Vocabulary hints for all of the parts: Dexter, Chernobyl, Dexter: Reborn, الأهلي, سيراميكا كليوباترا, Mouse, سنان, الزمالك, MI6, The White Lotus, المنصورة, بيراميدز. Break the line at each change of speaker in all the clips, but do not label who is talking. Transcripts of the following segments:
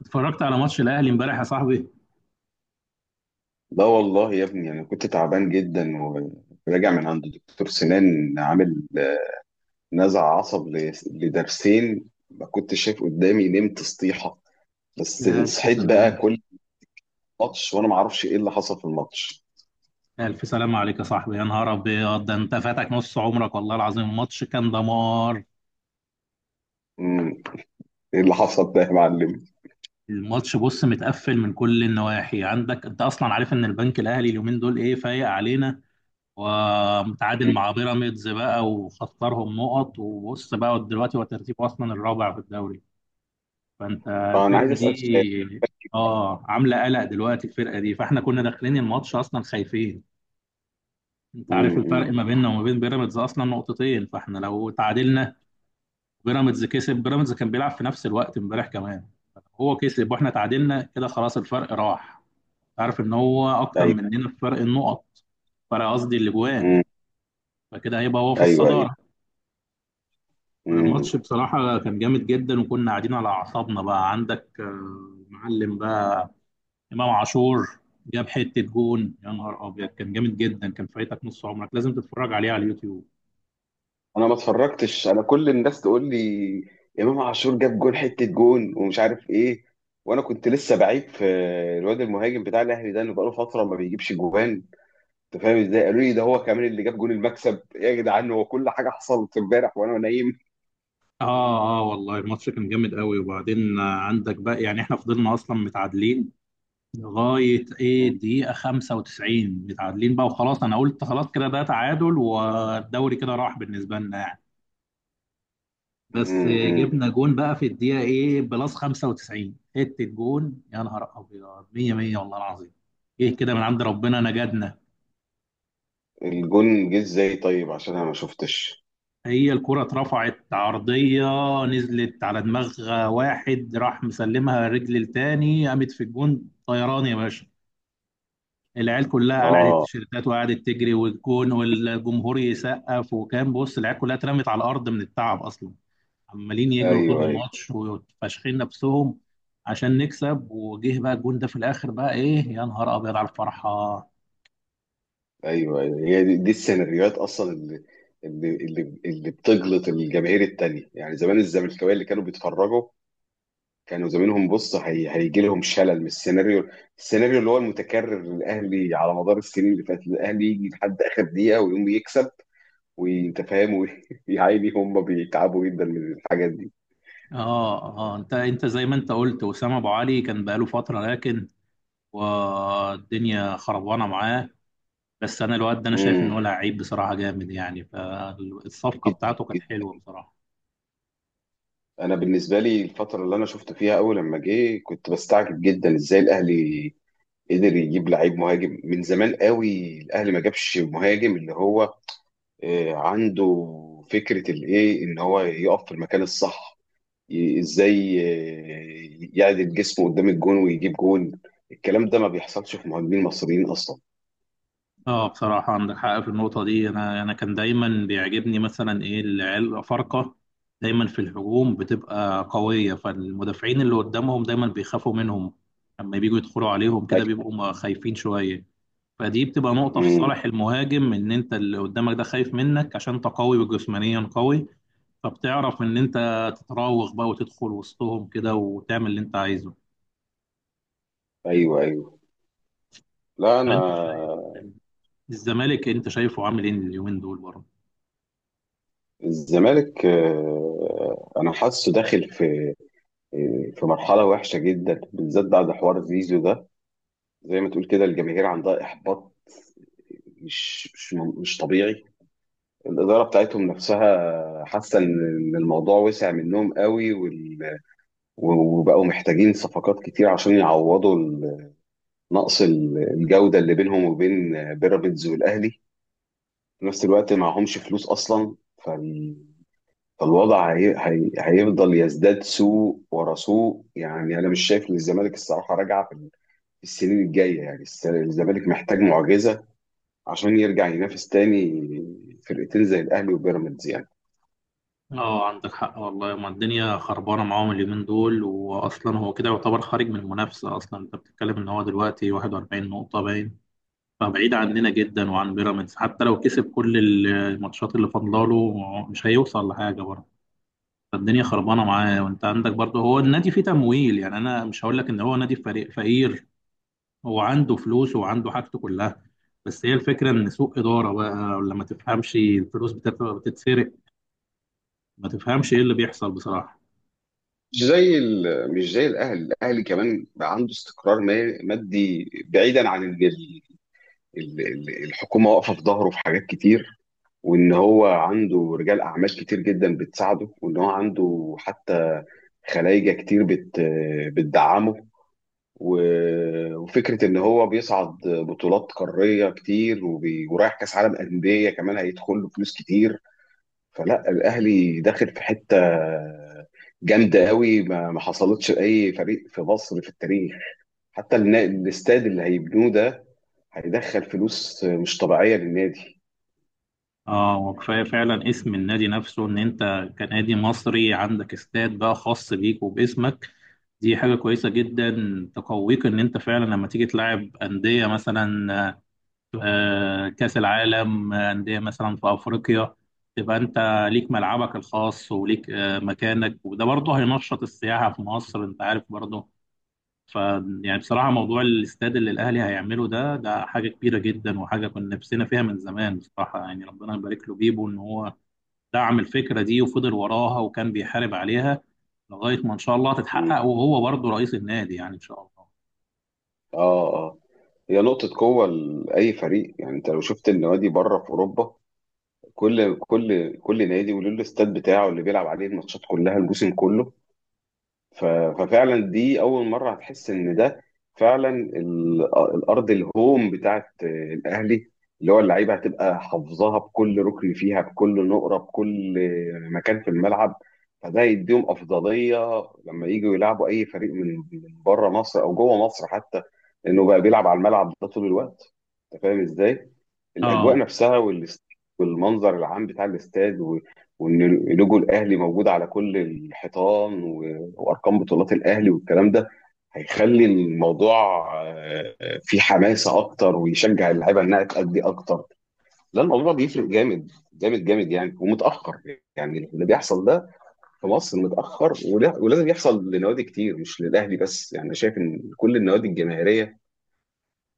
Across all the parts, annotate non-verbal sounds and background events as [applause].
اتفرجت على ماتش الاهلي امبارح يا صاحبي.
لا والله يا ابني، انا كنت تعبان جدا وراجع من عند دكتور سنان، عامل نزع عصب لضرسين. ما كنتش شايف قدامي، نمت سطيحه. بس
لا، ألف
صحيت بقى
سلام.
كل ماتش وانا ما اعرفش ايه اللي حصل في الماتش.
الف سلام عليك يا صاحبي، يا نهار ابيض، ده انت فاتك نص عمرك والله العظيم. الماتش كان دمار.
امم ايه اللي حصل ده يا معلم؟
الماتش بص متقفل من كل النواحي، عندك انت اصلا عارف ان البنك الاهلي اليومين دول ايه فايق علينا، ومتعادل
مم.
مع بيراميدز بقى وخسرهم نقط. وبص بقى دلوقتي هو ترتيبه اصلا الرابع في الدوري، فانت
اه انا عايز
الفرقه
اسال سؤال.
دي اه عامله قلق دلوقتي. الفرقه دي فاحنا كنا داخلين الماتش اصلا خايفين. انت عارف الفرق
أمم.
ما بيننا وما بين بيراميدز اصلا نقطتين، فاحنا لو تعادلنا بيراميدز كسب. بيراميدز كان بيلعب في نفس الوقت امبارح كمان، هو كسب واحنا تعادلنا، كده خلاص الفرق راح. عارف ان هو اكتر
ايوه.
مننا في فرق النقط، فرق قصدي الاجوان.
امم
فكده هيبقى هو في
ايوه ايوه.
الصدارة. الماتش
امم
بصراحة كان جامد جدا وكنا قاعدين على اعصابنا بقى. عندك معلم بقى، امام عاشور جاب حتة جون، يا نهار ابيض كان جامد جدا، كان فايتك نص عمرك، لازم تتفرج عليه على اليوتيوب.
انا ما اتفرجتش، انا كل الناس تقول لي امام عاشور جاب جون، حته جون ومش عارف ايه. وانا كنت لسه بعيب في الواد المهاجم بتاع الاهلي ده اللي بقاله فتره ما بيجيبش جوان. انت فاهم ازاي؟ قالوا لي ده هو كمان اللي جاب جون المكسب يا جدعان. هو كل حاجه حصلت امبارح وانا نايم.
اه، اه والله الماتش كان جامد قوي. وبعدين عندك بقى، يعني احنا فضلنا اصلا متعادلين لغايه
م-
دقيقه 95، متعادلين بقى وخلاص. انا قلت خلاص كده ده تعادل والدوري كده راح بالنسبه لنا يعني. بس
م- م.
جبنا جون بقى في الدقيقه بلس 95، حته جون يا نهار ابيض، 100 100 والله العظيم. ايه كده من عند ربنا نجدنا.
الجون جه ازاي طيب؟ عشان انا ما شفتش.
هي الكرة اترفعت عرضية، نزلت على دماغ واحد، راح مسلمها رجل التاني، قامت في الجون طيران يا باشا. العيال كلها قلعت
اه.
التيشيرتات وقعدت تجري، والجون والجمهور يسقف، وكان بص العيال كلها اترمت على الارض من التعب اصلا، عمالين يجروا طول
ايوه ايوه.
الماتش وفاشخين نفسهم عشان نكسب. وجه بقى الجون ده في الاخر بقى ايه، يا نهار ابيض على الفرحه. اه،
ايوه ايوه. هي دي السيناريوهات اصلا اللي بتجلط الجماهير التانية. يعني زمان الزملكاويه اللي كانوا بيتفرجوا كانوا زمانهم بص هيجي لهم شلل من السيناريو اللي هو المتكرر للاهلي على مدار السنين اللي فاتت. الاهلي يجي لحد اخر دقيقه ويقوم يكسب وانت فاهم. ويا [laughs] عيني، هم بيتعبوا جدا من الحاجات دي.
اه انت زي ما انت قلت وسام ابو علي كان بقاله فتره، لكن والدنيا خربانه معاه. بس انا الواد ده انا شايف ان
امم
هو لعيب بصراحه جامد، يعني فالصفقه
جدا
بتاعته كانت
جدا.
حلوه بصراحه.
انا بالنسبه لي، الفتره اللي انا شفت فيها اول لما جه كنت بستعجب جدا ازاي الاهلي قدر يجيب لعيب مهاجم. من زمان قوي الاهلي ما جابش مهاجم اللي هو عنده فكره الايه ان هو يقف في المكان الصح. ازاي يعدل جسمه قدام الجون ويجيب جون؟ الكلام ده ما بيحصلش في مهاجمين مصريين اصلا.
اه بصراحة عندك حق في النقطة دي. أنا كان دايما بيعجبني مثلا إيه، العيال فرقة دايما في الهجوم بتبقى قوية، فالمدافعين اللي قدامهم دايما بيخافوا منهم. لما بييجوا يدخلوا عليهم كده
ايوه.
بيبقوا خايفين شوية. فدي بتبقى نقطة في
مم.
صالح المهاجم، إن أنت اللي قدامك ده خايف منك عشان أنت قوي وجسمانيا قوي. فبتعرف إن أنت تتراوغ بقى وتدخل وسطهم كده وتعمل اللي أنت عايزه.
ايوه ايوه. لا
طب
انا،
أنت شايف الزمالك، أنت شايفه عامل إيه اليومين دول برضه؟
الزمالك انا حاسه داخل في في مرحله وحشه جدا، بالذات بعد حوار زيزو ده. زي ما تقول كده الجماهير عندها احباط مش طبيعي. الاداره بتاعتهم نفسها حاسه إن الموضوع وسع منهم قوي، وبقوا محتاجين صفقات كتير عشان يعوضوا نقص الجودة اللي بينهم وبين بيراميدز والأهلي. في نفس الوقت معهمش فلوس أصلا. فال... فالوضع هيفضل يزداد سوء ورا سوء. يعني أنا مش شايف إن الزمالك الصراحة راجعة في في السنين الجاية يعني. الزمالك محتاج معجزة عشان يرجع ينافس تاني فرقتين زي الأهلي وبيراميدز يعني.
اه عندك حق والله، ما الدنيا خربانه معاهم اليومين دول، واصلا هو كده يعتبر خارج من المنافسه اصلا. انت بتتكلم ان هو دلوقتي 41 نقطه باين، فبعيد عننا جدا وعن بيراميدز. حتى لو كسب كل الماتشات اللي فاضلاله مش هيوصل لحاجه برضه. فالدنيا خربانه معاه. وانت عندك برضه، هو النادي فيه تمويل، يعني انا مش هقول لك ان هو نادي فريق فقير، هو عنده فلوس وعنده حاجته كلها. بس هي الفكره ان سوء اداره بقى، ولا ما تفهمش، الفلوس بتتسرق، ما تفهمش ايه اللي بيحصل بصراحه.
مش زي الأهلي. الأهلي كمان بقى عنده استقرار مادي بعيدا عن الحكومة واقفة في ظهره في حاجات كتير، وان هو عنده رجال اعمال كتير جدا بتساعده، وان هو عنده حتى خلايجه كتير بتدعمه، وفكره ان هو بيصعد بطولات قاريه كتير، ورايح كاس عالم انديه كمان هيدخل له فلوس كتير. فلا، الاهلي داخل في حته جامده قوي ما حصلتش لاي فريق في مصر في التاريخ. حتى الاستاد اللي هيبنوه ده هيدخل فلوس مش طبيعيه للنادي.
اه وكفايه فعلا اسم النادي نفسه، ان انت كنادي مصري عندك استاد بقى خاص بيك وباسمك، دي حاجه كويسه جدا تقويك. ان انت فعلا لما تيجي تلعب انديه مثلا كاس العالم، انديه مثلا في افريقيا، تبقى انت ليك ملعبك الخاص وليك مكانك. وده برضه هينشط السياحه في مصر، انت عارف برضه. ف يعني بصراحة موضوع الاستاد اللي الأهلي هيعمله ده، ده حاجة كبيرة جدا وحاجة كنا نفسنا فيها من زمان بصراحة. يعني ربنا يبارك له بيبو، إن هو دعم الفكرة دي وفضل وراها وكان بيحارب عليها لغاية ما إن شاء الله تتحقق، وهو برضه رئيس النادي، يعني إن شاء الله.
اه اه. هي نقطة قوة لأي فريق. يعني أنت لو شفت النوادي بره في أوروبا، كل نادي وله الاستاد بتاعه اللي بيلعب عليه الماتشات كلها الموسم كله. ف- ففعلا دي اول مره هتحس ان ده فعلا الارض الهوم بتاعت الاهلي اللي هو اللعيبه هتبقى حافظاها بكل ركن فيها، بكل نقره، بكل مكان في الملعب. فده يديهم افضليه لما يجوا يلعبوا اي فريق من بره مصر او جوه مصر حتى، لانه بقى بيلعب على الملعب ده طول الوقت. انت فاهم ازاي؟ الاجواء
آه،
نفسها والمنظر العام بتاع الاستاد وان لوجو الاهلي موجود على كل الحيطان، وارقام بطولات الاهلي والكلام ده هيخلي الموضوع فيه حماسه اكتر ويشجع اللعيبه انها تأدي اكتر. لا الموضوع بيفرق جامد جامد يعني. ومتاخر يعني اللي بيحصل ده في مصر، متاخر ولازم يحصل لنوادي كتير، مش للاهلي بس يعني. أنا شايف ان كل النوادي الجماهيريه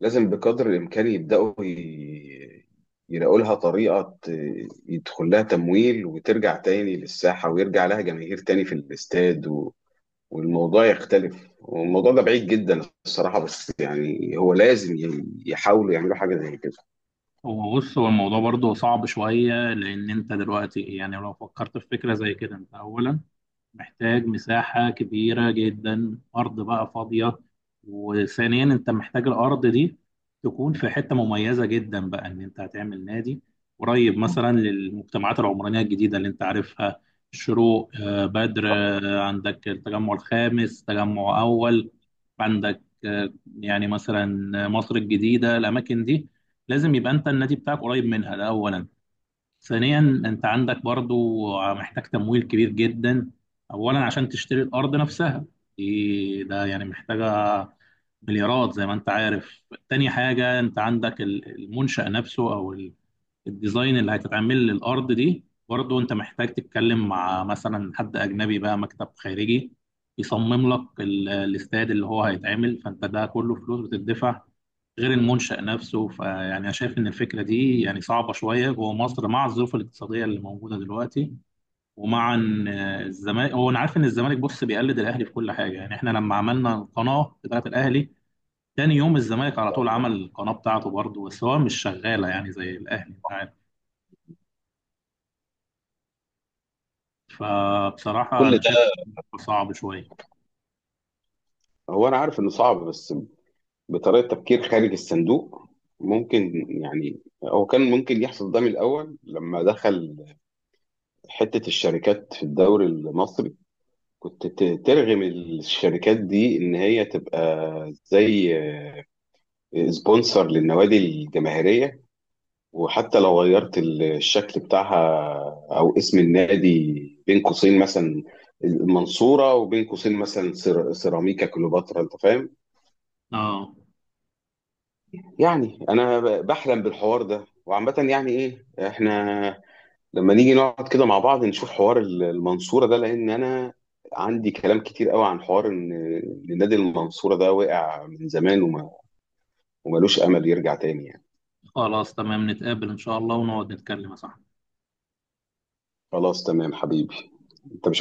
لازم بقدر الامكان يبداوا يلاقوا لها طريقه يدخل لها تمويل وترجع تاني للساحه، ويرجع لها جماهير تاني في الاستاد والموضوع يختلف. والموضوع ده بعيد جدا الصراحة، بس يعني هو لازم يحاولوا يعملوا حاجة زي كده.
هو بص هو الموضوع برضه صعب شوية. لأن أنت دلوقتي يعني لو فكرت في فكرة زي كده، أنت أولا محتاج مساحة كبيرة جدا، أرض بقى فاضية. وثانيا أنت محتاج الأرض دي تكون في حتة مميزة جدا بقى، إن أنت هتعمل نادي قريب مثلا للمجتمعات العمرانية الجديدة اللي أنت عارفها، الشروق بدر، عندك التجمع الخامس، تجمع أول، عندك يعني مثلا مصر الجديدة، الأماكن دي لازم يبقى أنت النادي بتاعك قريب منها. ده أولا. ثانيا، انت عندك برضو، محتاج تمويل كبير جدا، اولا عشان تشتري الارض نفسها، دي ده يعني محتاجه مليارات زي ما انت عارف. تاني حاجه انت عندك المنشأ نفسه، او الديزاين اللي هتتعمل للأرض دي، برضه أنت محتاج تتكلم مع مثلا حد أجنبي بقى، مكتب خارجي يصمم لك الاستاد اللي هو هيتعمل، فأنت ده كله فلوس بتدفع غير المنشأ نفسه. فيعني أنا شايف إن الفكرة دي يعني صعبة شوية جوه مصر مع الظروف الاقتصادية اللي موجودة دلوقتي. ومع إن الزمالك، هو أنا عارف إن الزمالك بص بيقلد الأهلي في كل حاجة، يعني إحنا لما عملنا القناة بتاعت الأهلي تاني يوم الزمالك على طول
ايوه.
عمل القناة بتاعته برضه، بس هو مش شغالة يعني زي الأهلي، أنت عارف. فبصراحة
كل
أنا
ده،
شايف صعب شوية.
هو أنا عارف إنه صعب، بس بطريقة تفكير خارج الصندوق ممكن يعني. هو كان ممكن يحصل ده من الأول لما دخل حتة الشركات في الدوري المصري. كنت ترغم الشركات دي إن هي تبقى زي سبونسر للنوادي الجماهيرية، وحتى لو غيرت الشكل بتاعها او اسم النادي، بين قوسين مثلا المنصورة وبين قوسين مثلا سيراميكا كليوباترا. انت فاهم
اه،
يعني؟ انا بحلم بالحوار ده. وعامة يعني ايه، احنا لما نيجي نقعد كده مع بعض نشوف حوار المنصورة ده، لان انا عندي كلام كتير قوي عن حوار ان إن نادي المنصورة ده وقع من زمان وملوش امل يرجع تاني يعني.
خلاص تمام، نتقابل إن شاء الله ونقعد نتكلم يا صاحبي.
خلاص تمام حبيبي. انت مش